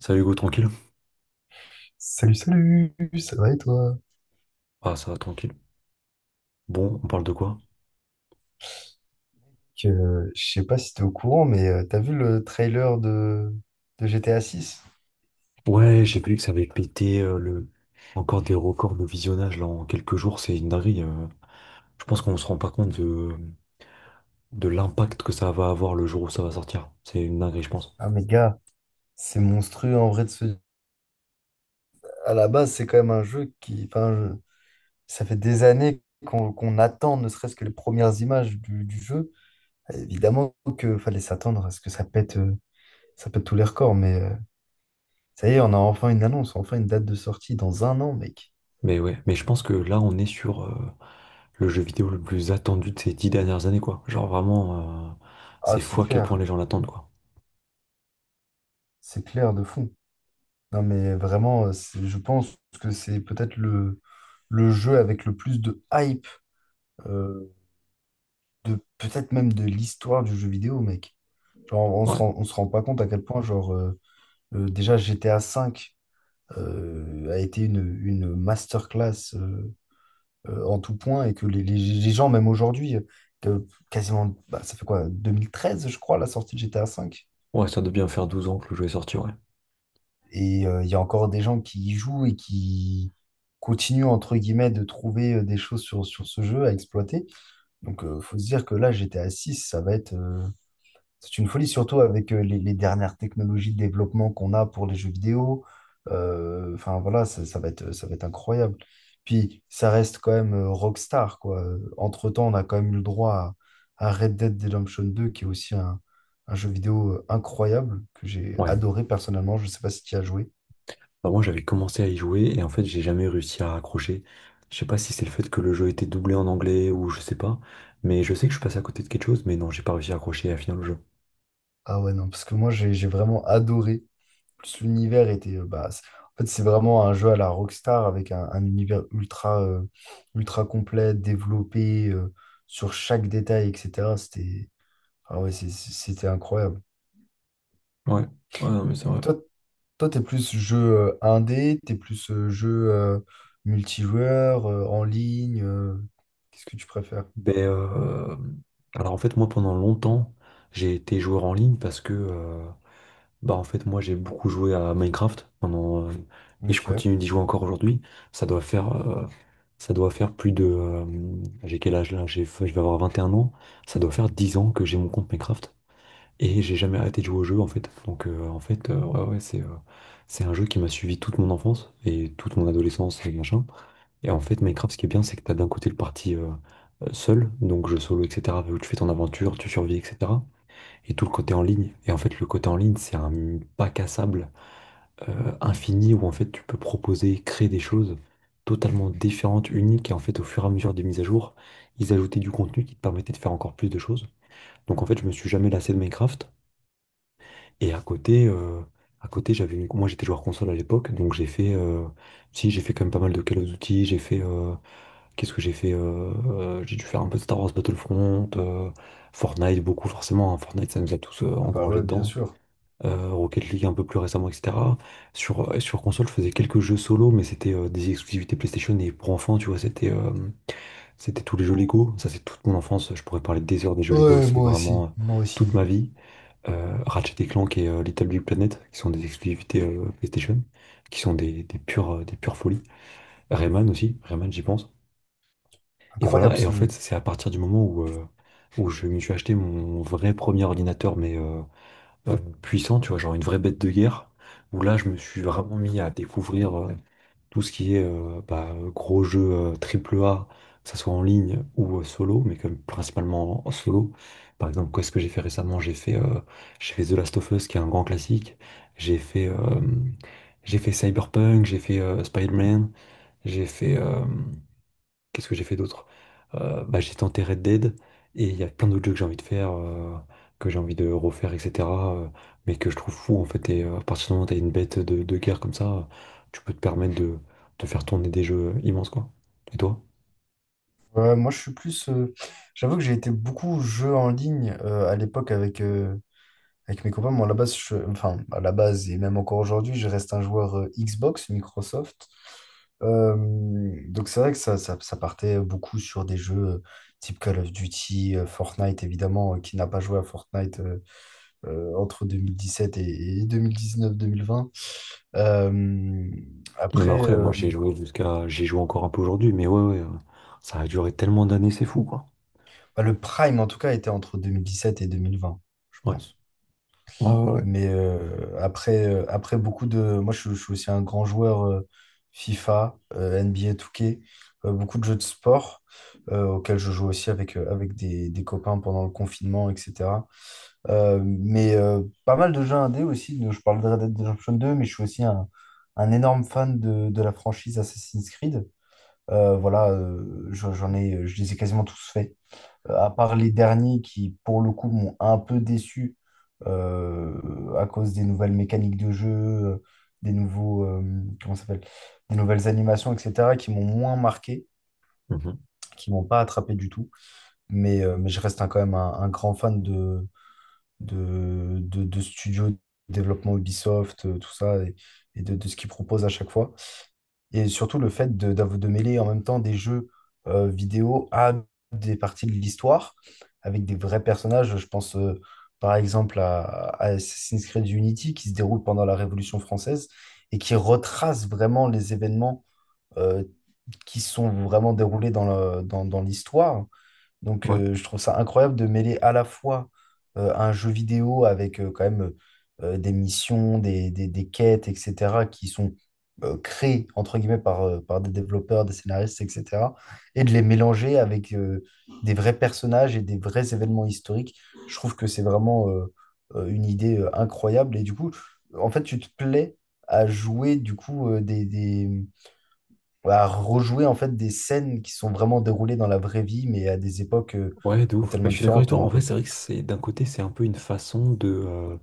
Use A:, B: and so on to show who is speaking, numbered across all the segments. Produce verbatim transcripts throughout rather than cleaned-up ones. A: Salut Hugo, tranquille?
B: Salut, salut, ça va et toi?
A: Ah, ça va, tranquille. Bon, on parle de quoi?
B: Que, euh, je sais pas si t'es au courant, mais euh, t'as vu le trailer de, de G T A six.
A: Ouais, j'ai vu que ça avait pété euh, le... encore des records de visionnage là en quelques jours, c'est une dinguerie. euh. Je pense qu'on se rend pas compte de, de l'impact que ça va avoir le jour où ça va sortir. C'est une dinguerie, je pense.
B: Ah mais gars, c'est monstrueux en vrai de se. À la base, c'est quand même un jeu qui. Enfin, je- ça fait des années qu'on qu'on attend ne serait-ce que les premières images du, du jeu. Évidemment qu'il fallait s'attendre à ce que ça pète, euh, ça pète tous les records, mais euh, ça y est, on a enfin une annonce, enfin une date de sortie dans un an, mec.
A: Mais ouais, mais je pense que là, on est sur euh, le jeu vidéo le plus attendu de ces dix dernières années, quoi. Genre vraiment, euh,
B: Ah,
A: c'est
B: c'est
A: fou à quel point
B: clair,
A: les gens l'attendent, quoi.
B: c'est clair de fond. Non, mais vraiment, euh, c'est- je pense que c'est peut-être le, le jeu avec le plus de hype, euh, de peut-être même de l'histoire du jeu vidéo, mec. Genre, on se
A: Ouais,
B: rend, on se rend pas compte à quel point, genre, euh, euh, déjà G T A V euh, a été une, une masterclass euh, euh, en tout point, et que les, les- les gens, même aujourd'hui, euh, que quasiment, bah, ça fait quoi, deux mille treize je crois, la sortie de G T A V?
A: ouais, ça doit bien faire douze ans que le jeu est sorti, ouais.
B: Et euh, il y a encore des gens qui y jouent et qui continuent, entre guillemets, de trouver euh, des choses sur, sur ce jeu à exploiter. Donc, il faut se dire que là, G T A six, ça va être. Euh, c'est une folie, surtout avec euh, les, les dernières technologies de développement qu'on a pour les jeux vidéo. Euh, Enfin, voilà, ça, ça va être, ça va être incroyable. Puis, ça reste quand même euh, Rockstar, quoi. Euh, Entre-temps, on a quand même eu le droit à, à Red Dead Redemption deux, qui est aussi un, un jeu vidéo euh, incroyable que j'ai
A: Ouais.
B: adoré personnellement. Je ne sais pas si tu y as joué.
A: Bah, moi, j'avais commencé à y jouer et en fait, j'ai jamais réussi à accrocher. Je sais pas si c'est le fait que le jeu était doublé en anglais ou je sais pas, mais je sais que je suis passé à côté de quelque chose, mais non, j'ai pas réussi à accrocher et à finir le jeu.
B: Ah ouais, non, parce que moi j'ai j'ai vraiment adoré. En Plus l'univers était. Euh, bah, c'est- en fait, c'est vraiment un jeu à la Rockstar avec un, un univers ultra, euh, ultra complet, développé euh, sur chaque détail, et cetera. C'était, ah ouais, c'est- c'est- c'était incroyable.
A: Ouais, ouais, non, mais c'est
B: Mais
A: vrai.
B: toi, toi, t'es plus jeu euh, indé, t'es plus euh, jeu euh, multijoueur, euh, en ligne. Euh, qu'est-ce que tu préfères?
A: Ben, euh, alors en fait, moi, pendant longtemps, j'ai été joueur en ligne parce que, euh, bah, en fait, moi, j'ai beaucoup joué à Minecraft pendant, euh, et je
B: Ok.
A: continue d'y jouer encore aujourd'hui. Ça doit faire, euh, ça doit faire plus de, euh, j'ai quel âge là? J'ai, je vais avoir vingt et un ans. Ça doit faire dix ans que j'ai mon compte Minecraft. Et j'ai jamais arrêté de jouer au jeu en fait. Donc euh, en fait, euh, ouais, ouais, c'est euh, c'est un jeu qui m'a suivi toute mon enfance et toute mon adolescence et machin. Et en fait, Minecraft, ce qui est bien, c'est que t'as d'un côté le parti euh, euh, seul, donc jeu solo, et cetera, où tu fais ton aventure, tu survis, et cetera. Et tout le côté en ligne. Et en fait, le côté en ligne, c'est un bac à sable euh, infini où en fait, tu peux proposer, créer des choses totalement différentes, uniques. Et en fait, au fur et à mesure des mises à jour, ils ajoutaient du contenu qui te permettait de faire encore plus de choses. Donc en fait, je me suis jamais lassé de Minecraft. Et à côté, euh, à côté, j'avais une- moi j'étais joueur console à l'époque, donc j'ai fait, euh, si j'ai fait quand même pas mal de Call of Duty, j'ai fait, euh, qu'est-ce que j'ai fait, euh, euh, j'ai dû faire un peu de Star Wars Battlefront, euh, Fortnite beaucoup forcément, hein, Fortnite ça nous a tous euh,
B: Ah bah
A: engrangés
B: ouais, bien
A: dedans,
B: sûr.
A: euh, Rocket League un peu plus récemment, et cetera. Sur euh, sur console, je faisais quelques jeux solo, mais c'était euh, des exclusivités PlayStation et pour enfants, tu vois, c'était euh, c'était tous les jeux Lego, ça c'est toute mon enfance, je pourrais parler des heures des jeux Lego,
B: Ouais,
A: c'est
B: moi aussi,
A: vraiment euh,
B: moi aussi.
A: toute ma vie euh, Ratchet et Clank et euh, Little Big Planet, qui sont des exclusivités euh, PlayStation, qui sont des, des pures, euh, des pures folies. Rayman aussi, Rayman j'y pense. Et
B: Incroyable
A: voilà, et en
B: ce
A: fait
B: jeu.
A: c'est à partir du moment où, euh, où je me suis acheté mon vrai premier ordinateur, mais euh, euh, puissant, tu vois, genre une vraie bête de guerre, où là je me suis vraiment mis à découvrir euh, tout ce qui est euh, bah, gros jeux euh, triple A, que ce soit en ligne ou euh, solo, mais comme principalement en solo. Par exemple, qu'est-ce que j'ai fait récemment? J'ai fait, euh, j'ai fait The Last of Us, qui est un grand classique. J'ai fait, euh, j'ai fait Cyberpunk, j'ai fait euh, Spider-Man, j'ai fait, euh, qu'est-ce que j'ai fait d'autre? Euh, bah, j'ai tenté Red Dead et il y a plein d'autres jeux que j'ai envie de faire, euh, que j'ai envie de refaire, et cetera euh, mais que je trouve fou en fait. Et euh, à partir du moment où t'as une bête de, de guerre comme ça, tu peux te permettre de, de faire tourner des jeux immenses quoi. Et toi?
B: Euh, moi, je suis plus. Euh, j'avoue que j'ai été beaucoup jeux en ligne euh, à l'époque avec, euh, avec mes copains. Moi, à la base, je- enfin, à la base, et même encore aujourd'hui, je reste un joueur euh, Xbox, Microsoft. Euh, donc, c'est vrai que ça, ça, ça partait beaucoup sur des jeux euh, type Call of Duty, euh, Fortnite, évidemment. Euh, qui n'a pas joué à Fortnite euh, euh, entre sept et, deux mille dix-neuf-deux mille vingt.
A: Même
B: après,
A: après, moi
B: euh,
A: ouais, j'ai joué jusqu'à, j'y joue encore un peu aujourd'hui, mais ouais, ouais, euh, ça a duré tellement d'années, c'est fou quoi.
B: bah, le Prime, en tout cas, était entre deux mille dix sept et deux mille vingt, je
A: Ouais.
B: pense.
A: Ouais, ouais, ouais.
B: Mais euh, après, euh, après beaucoup de. Moi, je, je suis aussi un grand joueur euh, FIFA, euh, N B A deux K, euh, beaucoup de jeux de sport euh, auxquels je joue aussi avec, euh, avec des, des copains pendant le confinement, et cetera. Euh, mais euh, pas mal de jeux indés aussi. de- Je parle de Red Dead Redemption deux, mais je suis aussi un, un énorme fan de, de la franchise Assassin's Creed. Euh, voilà, euh, je- j'en ai, je les ai quasiment tous faits. Euh, à part les derniers qui, pour le coup, m'ont un peu déçu euh, à cause des nouvelles mécaniques de jeu, euh, des nouveaux, euh, comment ça s'appelle, des nouvelles animations, et cetera, qui m'ont moins marqué,
A: Mhm.
B: qui m'ont pas attrapé du tout. Mais, euh, mais je reste un- quand même un, un grand fan de, de, de, de studios, de développement Ubisoft, euh, tout ça, et, et de, de ce qu'ils proposent à chaque fois. Et surtout le fait de, d'av- de mêler en même temps des jeux euh, vidéo à des parties de l'histoire avec des vrais personnages. Je pense euh, par exemple à, à Assassin's Creed Unity, qui se déroule pendant la Révolution française et qui retrace vraiment les événements euh, qui sont vraiment déroulés dans le- dans- dans l'histoire. Donc,
A: Ouais.
B: euh, je trouve ça incroyable de mêler à la fois euh, un jeu vidéo avec euh, quand même euh, des missions, des, des- des quêtes, et cetera, qui sont euh, créées, entre guillemets, par, euh, par des développeurs, des scénaristes, et cetera, et de les mélanger avec euh, des vrais personnages et des vrais événements historiques. Je trouve que c'est vraiment euh, euh, une idée euh, incroyable. Et du coup, en fait, tu te plais à jouer, du coup, euh, des, des- à rejouer en fait des scènes qui sont vraiment déroulées dans la vraie vie, mais à des époques euh,
A: Ouais, de
B: bah,
A: ouf. Bah,
B: tellement
A: je suis d'accord avec
B: différentes.
A: toi.
B: On
A: En vrai,
B: peut.
A: c'est vrai que c'est d'un côté, c'est un peu une façon de euh,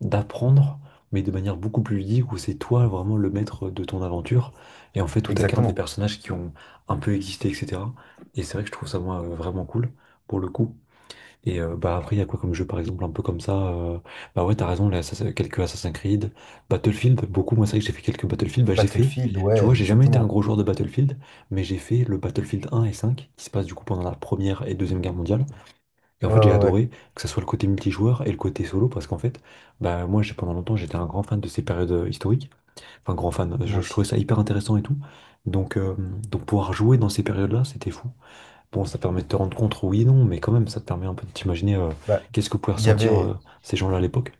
A: d'apprendre, mais de manière beaucoup plus ludique, où c'est toi vraiment le maître de ton aventure. Et en fait, où t'incarnes des
B: Exactement.
A: personnages qui ont un peu existé, et cetera. Et c'est vrai que je trouve ça, moi, euh, vraiment cool, pour le coup. Et euh, bah après, il y a quoi comme jeu, par exemple, un peu comme ça euh, bah ouais, t'as raison, les Assassin- quelques Assassin's Creed, Battlefield, beaucoup. Moi, c'est vrai que j'ai fait quelques Battlefield. Bah, j'ai fait,
B: Battlefield,
A: tu vois,
B: ouais,
A: j'ai jamais été un
B: exactement.
A: gros joueur de Battlefield, mais j'ai fait le Battlefield un et cinq qui se passe du coup pendant la Première et Deuxième Guerre mondiale. Et en
B: Ouais,
A: fait,
B: ouais,
A: j'ai
B: ouais,
A: adoré que ce soit le côté multijoueur et le côté solo parce qu'en fait, bah, moi, j'ai, pendant longtemps, j'étais un grand fan de ces périodes euh, historiques. Enfin, grand fan,
B: moi
A: je, je trouvais
B: aussi.
A: ça hyper intéressant et tout. Donc, euh, donc pouvoir jouer dans ces périodes-là, c'était fou. Bon, ça permet de te rendre compte, oui et non, mais quand même, ça te permet un peu de t'imaginer euh,
B: Bah,
A: qu'est-ce que pouvaient
B: il y
A: ressentir euh,
B: avait,
A: ces gens-là à l'époque.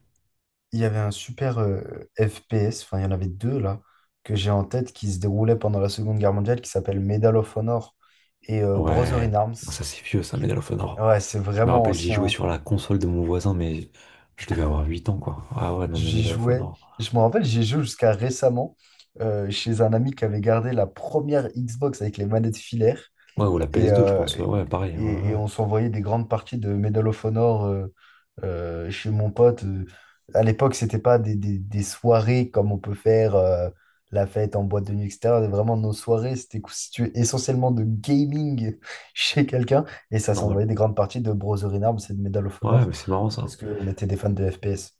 B: il y avait un super euh, F P S, enfin, il y en avait deux là, que j'ai en tête qui se déroulait pendant la Seconde Guerre mondiale, qui s'appelle Medal of Honor et euh, Brother in
A: Ouais,
B: Arms.
A: bon, ça c'est vieux, ça,
B: Qui.
A: Medal of Honor.
B: Ouais, c'est
A: Je me
B: vraiment
A: rappelle, j'y
B: ancien,
A: jouais
B: hein.
A: sur la console de mon voisin, mais je devais avoir huit ans, quoi. Ah ouais, non, mais
B: J'y
A: Medal of
B: jouais.
A: Honor.
B: Je me rappelle, j'y joué jusqu'à récemment euh, chez un ami qui avait gardé la première Xbox avec les manettes filaires.
A: Ouais, ou la
B: Et,
A: P S deux, je
B: euh,
A: pense. Ouais, pareil, hein,
B: et,
A: ouais,
B: et
A: ouais.
B: on s'envoyait des grandes parties de Medal of Honor euh, euh, chez mon pote. Euh, À l'époque, c'était pas des, des- des soirées comme on peut faire euh, la fête en boîte de nuit, et cetera. Vraiment, nos soirées, c'était constitué essentiellement de gaming chez quelqu'un. Et ça
A: Normal.
B: s'envoyait des grandes parties de Brother in Arms et de Medal of
A: Ouais,
B: Honor
A: mais c'est marrant ça.
B: parce qu'on était des fans de F P S.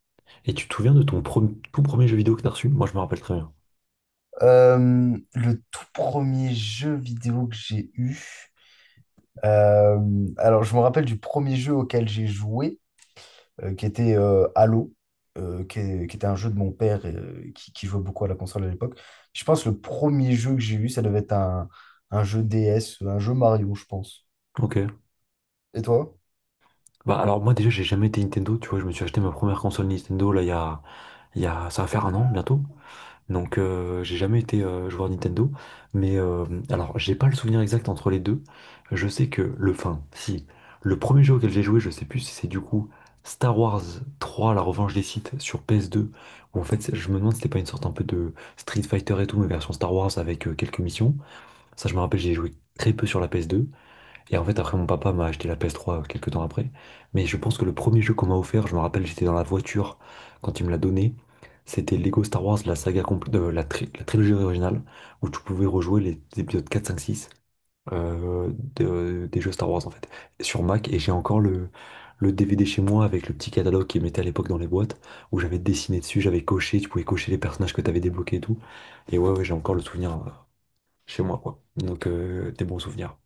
A: Et tu te souviens de ton pro- tout premier jeu vidéo que t'as reçu? Moi, je me rappelle très bien.
B: Euh, le tout premier jeu vidéo que j'ai eu, euh, alors je me rappelle du premier jeu auquel j'ai joué, euh, qui était euh, Halo, euh, qui, est- qui était un jeu de mon père euh, qui, qui jouait beaucoup à la console à l'époque. Je pense que le premier jeu que j'ai eu, ça devait être un, un jeu D S, un jeu Mario, je pense.
A: Ok.
B: Et toi?
A: Bah alors moi déjà, j'ai jamais été Nintendo, tu vois, je me suis acheté ma première console Nintendo là il y a, il y a ça va faire un an bientôt. Donc euh, j'ai jamais été euh, joueur Nintendo, mais euh, alors j'ai pas le souvenir exact entre les deux. Je sais que le fin, si le premier jeu auquel j'ai joué, je sais plus si c'est du coup Star Wars trois, La Revanche des Sith sur P S deux. Où en fait, c'est- je me demande si c'était pas une sorte un peu de Street Fighter et tout, mais version Star Wars avec euh, quelques missions. Ça, je me rappelle, j'ai joué très peu sur la P S deux. Et en fait, après, mon papa m'a acheté la P S trois quelques temps après. Mais je pense que le premier jeu qu'on m'a offert, je me rappelle, j'étais dans la voiture quand il me l'a donné. C'était Lego Star Wars, la saga complète, la, tri- la trilogie originale, où tu pouvais rejouer les épisodes quatre, cinq, six euh, de- des jeux Star Wars, en fait, sur Mac. Et j'ai encore le, le D V D chez moi avec le petit catalogue qu'ils mettaient à l'époque dans les boîtes, où j'avais dessiné dessus, j'avais coché, tu pouvais cocher les personnages que tu avais débloqués et tout. Et ouais, ouais, j'ai encore le souvenir. euh, chez moi, quoi. Donc, euh, des bons souvenirs.